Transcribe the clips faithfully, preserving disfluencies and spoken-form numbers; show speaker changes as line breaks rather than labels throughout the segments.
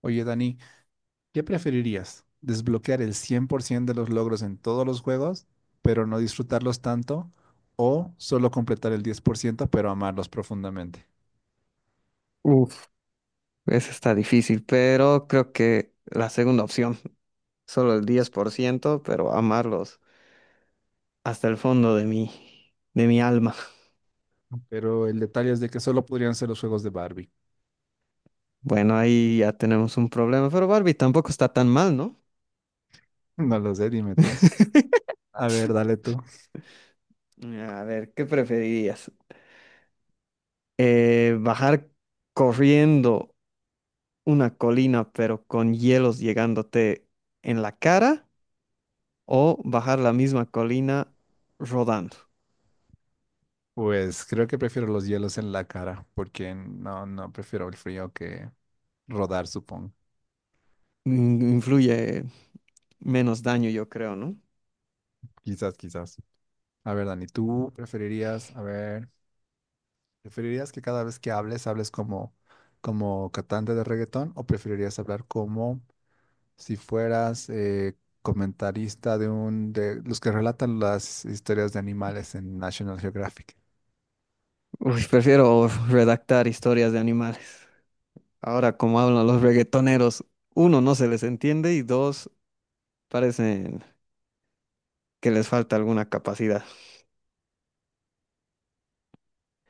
Oye, Dani, ¿qué preferirías? ¿Desbloquear el cien por ciento de los logros en todos los juegos, pero no disfrutarlos tanto? ¿O solo completar el diez por ciento pero amarlos profundamente?
Uf, esa está difícil, pero creo que la segunda opción, solo el diez por ciento, pero amarlos hasta el fondo de mi, de mi alma.
Pero el detalle es de que solo podrían ser los juegos de Barbie.
Bueno, ahí ya tenemos un problema, pero Barbie tampoco está tan mal, ¿no?
No lo sé, dime tú. A ver, dale tú.
A ver, ¿qué preferirías? Eh, ¿bajar corriendo una colina pero con hielos llegándote en la cara o bajar la misma colina rodando?
Pues creo que prefiero los hielos en la cara, porque no, no prefiero el frío que rodar, supongo.
Mm, Influye menos daño, yo creo, ¿no?
Quizás, quizás. A ver, Dani, ¿tú preferirías? A ver, ¿preferirías que cada vez que hables, hables como, como cantante de reggaetón o preferirías hablar como si fueras eh, comentarista de un de los que relatan las historias de animales en National Geographic?
Uy, prefiero redactar historias de animales. Ahora, como hablan los reggaetoneros, uno, no se les entiende y dos, parecen que les falta alguna capacidad.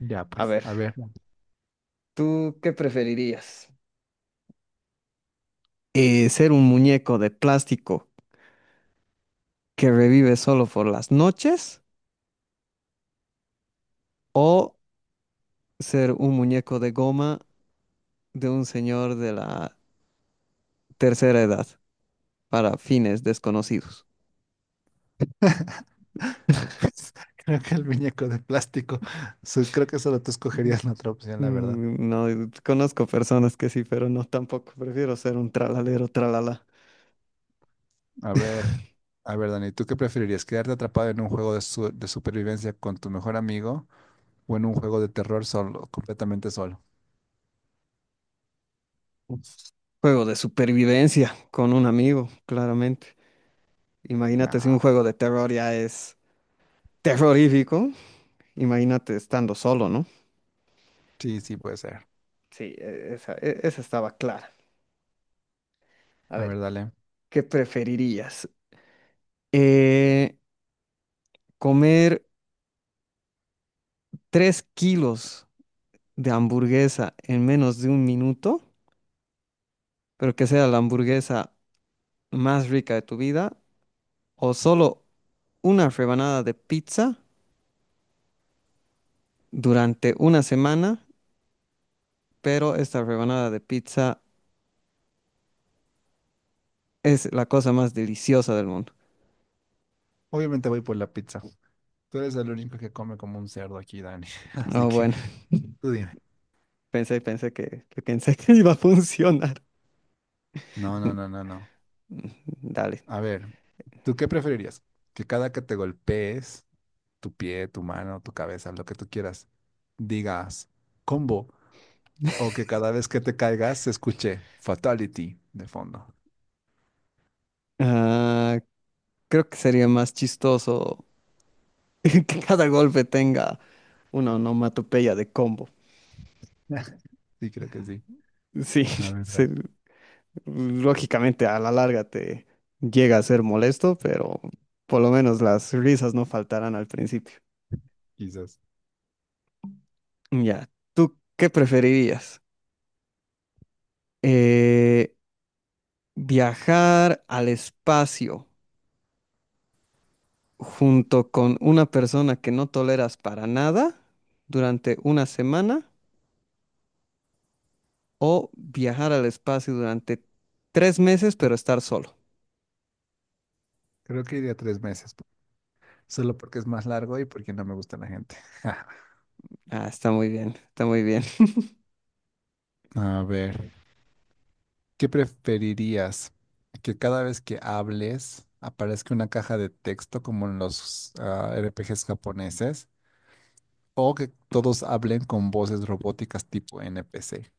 Ya,
A
pues,
ver,
a ver.
¿tú qué preferirías? Eh, ¿ser un muñeco de plástico que revive solo por las noches o ser un muñeco de goma de un señor de la tercera edad para fines desconocidos?
Pues creo que el muñeco de plástico, su- creo que solo tú escogerías la otra opción, la verdad.
Mm, No, y conozco personas que sí, pero no tampoco. Prefiero ser un tralalero, tralala.
A ver, a ver, Dani, ¿tú qué preferirías? ¿Quedarte atrapado en un juego de, su- de supervivencia con tu mejor amigo o en un juego de terror solo, completamente solo?
Un juego de supervivencia con un amigo, claramente. Imagínate si un
Nah,
juego de terror ya es terrorífico. Imagínate estando solo, ¿no?
sí, sí puede ser.
Sí, e- esa, e- esa estaba clara. A
A
ver,
ver, dale.
¿qué preferirías? Eh, ¿comer tres kilos de hamburguesa en menos de un minuto, pero que sea la hamburguesa más rica de tu vida? O solo una rebanada de pizza durante una semana, pero esta rebanada de pizza es la cosa más deliciosa del mundo.
Obviamente voy por la pizza. Tú eres el único que come como un cerdo aquí, Dani. Así
Oh,
que
bueno,
tú dime.
pensé, pensé que, que pensé que iba a funcionar.
No, no,
N-
no, no, no.
n- Dale.
A ver, ¿tú qué preferirías? Que cada que te golpees, tu pie, tu mano, tu cabeza, lo que tú quieras, digas combo. O que cada vez que te caigas se escuche fatality de fondo.
Ah, creo que sería más chistoso que cada golpe tenga una onomatopeya de combo.
Sí, creo que sí.
Sí,
La verdad,
se- lógicamente a la larga te llega a ser molesto, pero por lo menos las risas no faltarán al principio.
quizás.
Ya, ¿tú qué preferirías? Eh, ¿viajar al espacio junto con una persona que no toleras para nada durante una semana o viajar al espacio durante tres meses pero estar solo?
Creo que iría tres meses. Solo porque es más largo y porque no me gusta la gente.
Ah, está muy bien, está muy bien.
A ver. ¿Qué preferirías? ¿Que cada vez que hables aparezca una caja de texto como en los ah, R P Gs japoneses? ¿O que todos hablen con voces robóticas tipo N P C,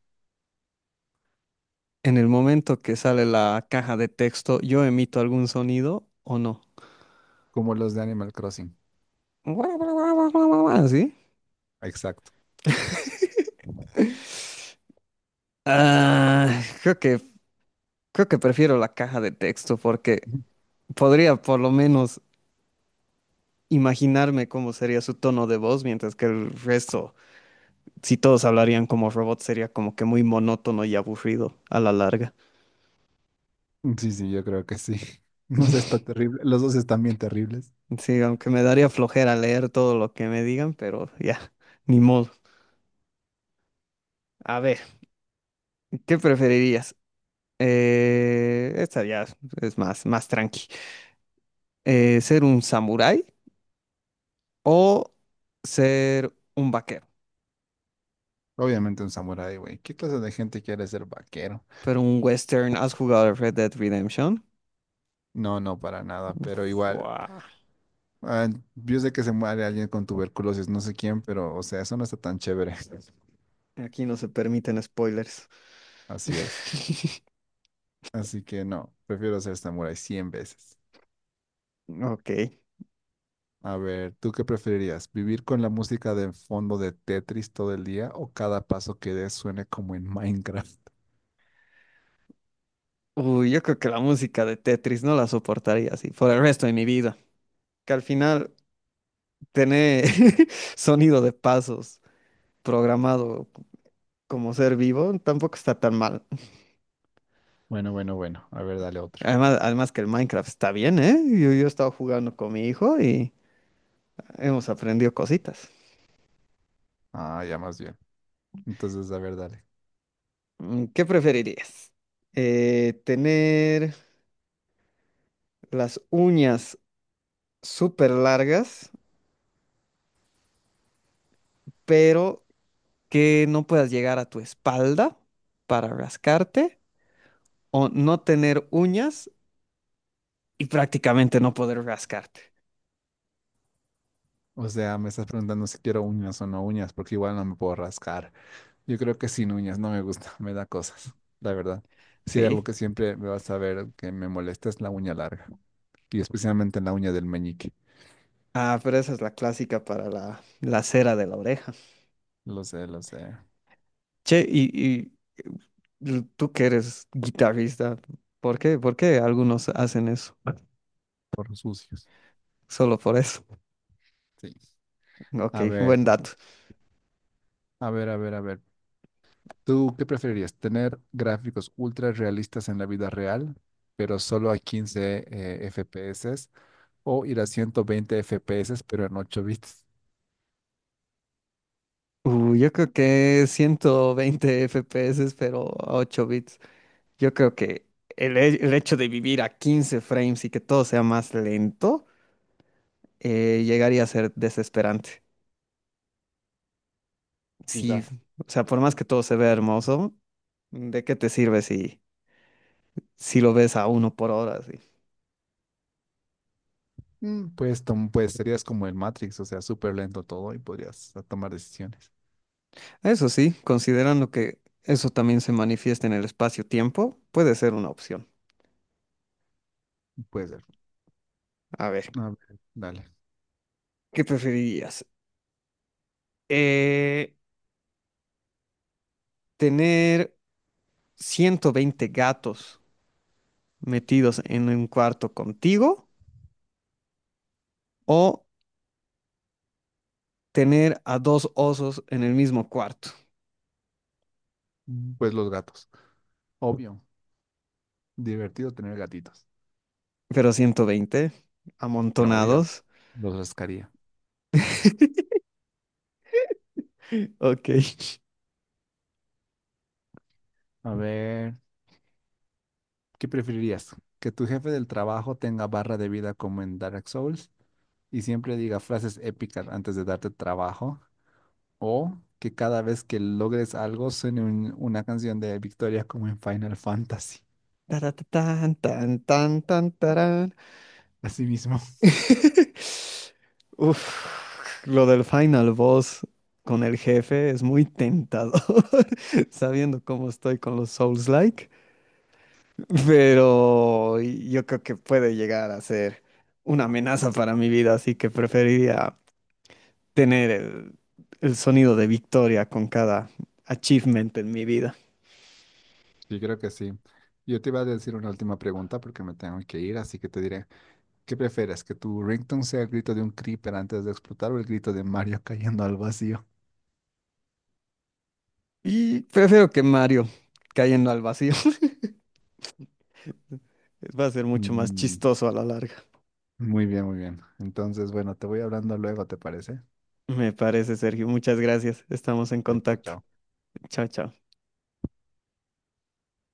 En el momento que sale la caja de texto, ¿yo emito algún sonido o no?
como los de Animal Crossing?
¿Así?
Exacto.
Ah, creo que, creo que prefiero la caja de texto porque podría por lo menos imaginarme cómo sería su tono de voz, mientras que el resto, si todos hablarían como robots, sería como que muy monótono y aburrido a la larga.
Sí, sí, yo creo que sí. No sé, está terrible. Los dos están bien terribles.
Sí, aunque me daría flojera leer todo lo que me digan, pero ya, ni modo. A ver, ¿qué preferirías? Eh, esta ya es más, más tranqui. Eh, ¿ser un samurái o ser un vaquero?
Obviamente un samurái, güey. ¿Qué clase de gente quiere ser vaquero?
Pero un western, ¿has jugado Red Dead Redemption?
No, no, para nada, pero
Uf,
igual. Ah, yo sé que se muere alguien con tuberculosis, no sé quién, pero, o sea, eso no está tan chévere.
aquí no se permiten spoilers.
Así es. Así que no, prefiero ser samurái cien veces.
Ok.
A ver, ¿tú qué preferirías? ¿Vivir con la música de fondo de Tetris todo el día o cada paso que des suene como en Minecraft?
Uy, yo creo que la música de Tetris no la soportaría así por el resto de mi vida. Que al final tener sonido de pasos programado c- como ser vivo tampoco está tan mal.
Bueno, bueno, bueno. A ver, dale otro.
Además, además que el Minecraft está bien, ¿eh? Yo, yo he estado jugando con mi hijo y hemos aprendido cositas.
Ah, ya más bien. Entonces, a ver, dale.
Mm, ¿Qué preferirías? Eh, ¿tener las uñas súper largas, pero que no puedas llegar a tu espalda para rascarte o no tener uñas y prácticamente no poder rascarte,
O sea, me estás preguntando si quiero uñas o no uñas, porque igual no me puedo rascar. Yo creo que sin uñas no me gusta. Me da cosas, la verdad. Si hay algo
¿sí?
que siempre me vas a ver que me molesta es la uña larga, y especialmente la uña del meñique.
Ah, pero esa es la clásica para la, la cera de la oreja.
Lo sé, lo sé,
Che, y, y, eh, tú que eres guitarrista, ¿por qué? ¿Por qué algunos hacen eso?
por sucios.
Solo por eso.
Sí. A
Ok,
ver,
buen dato.
a ver, a ver, a ver. ¿Tú qué preferirías? ¿Tener gráficos ultra realistas en la vida real, pero solo a quince eh, F P S? ¿O ir a ciento veinte F P S, pero en ocho bits?
Uh, yo creo que ciento veinte F P S, pero a ocho bits. Yo creo que el, he- el hecho de vivir a quince frames y que todo sea más lento eh, llegaría a ser desesperante. Sí,
Quizás.
o sea, por más que todo se vea hermoso, ¿de qué te sirve si, si lo ves a uno por hora? ¿Así?
Mm, pues, tom- pues serías como el Matrix, o sea, súper lento todo y podrías ah, tomar decisiones.
Eso sí, considerando que eso también se manifiesta en el espacio-tiempo, puede ser una opción.
Puede ser.
A ver,
A ver, dale.
¿qué preferirías? Eh, ¿tener ciento veinte gatos metidos en un cuarto contigo o tener a dos osos en el mismo cuarto,
Mm, pues los gatos. Obvio. Divertido tener gatitos.
pero ciento veinte
Obvio.
amontonados?
Los rascaría.
Ok.
A ver. ¿Qué preferirías? ¿Que tu jefe del trabajo tenga barra de vida como en Dark Souls y siempre diga frases épicas antes de darte trabajo? ¿O que cada vez que logres algo suene un- una canción de victoria como en Final Fantasy?
Taratatán, tan, tan, tan, tarán.
Así mismo.
Uf, lo del final boss con el jefe es muy tentador, sabiendo cómo estoy con los Souls-like, pero yo creo que puede llegar a ser una amenaza para mi vida, así que preferiría tener el, el sonido de victoria con cada achievement en mi vida.
Sí, creo que sí. Yo te iba a decir una última pregunta porque me tengo que ir, así que te diré, ¿qué prefieres? ¿Que tu ringtone sea el grito de un creeper antes de explotar o el grito de Mario cayendo al vacío?
Y prefiero que Mario cayendo al vacío. Va a ser mucho más
Mm,
chistoso a la larga.
muy bien, muy bien. Entonces, bueno, te voy hablando luego, ¿te parece?
Me parece, Sergio. Muchas gracias. Estamos en
Ya, chao.
contacto.
Chao.
Chao, chao.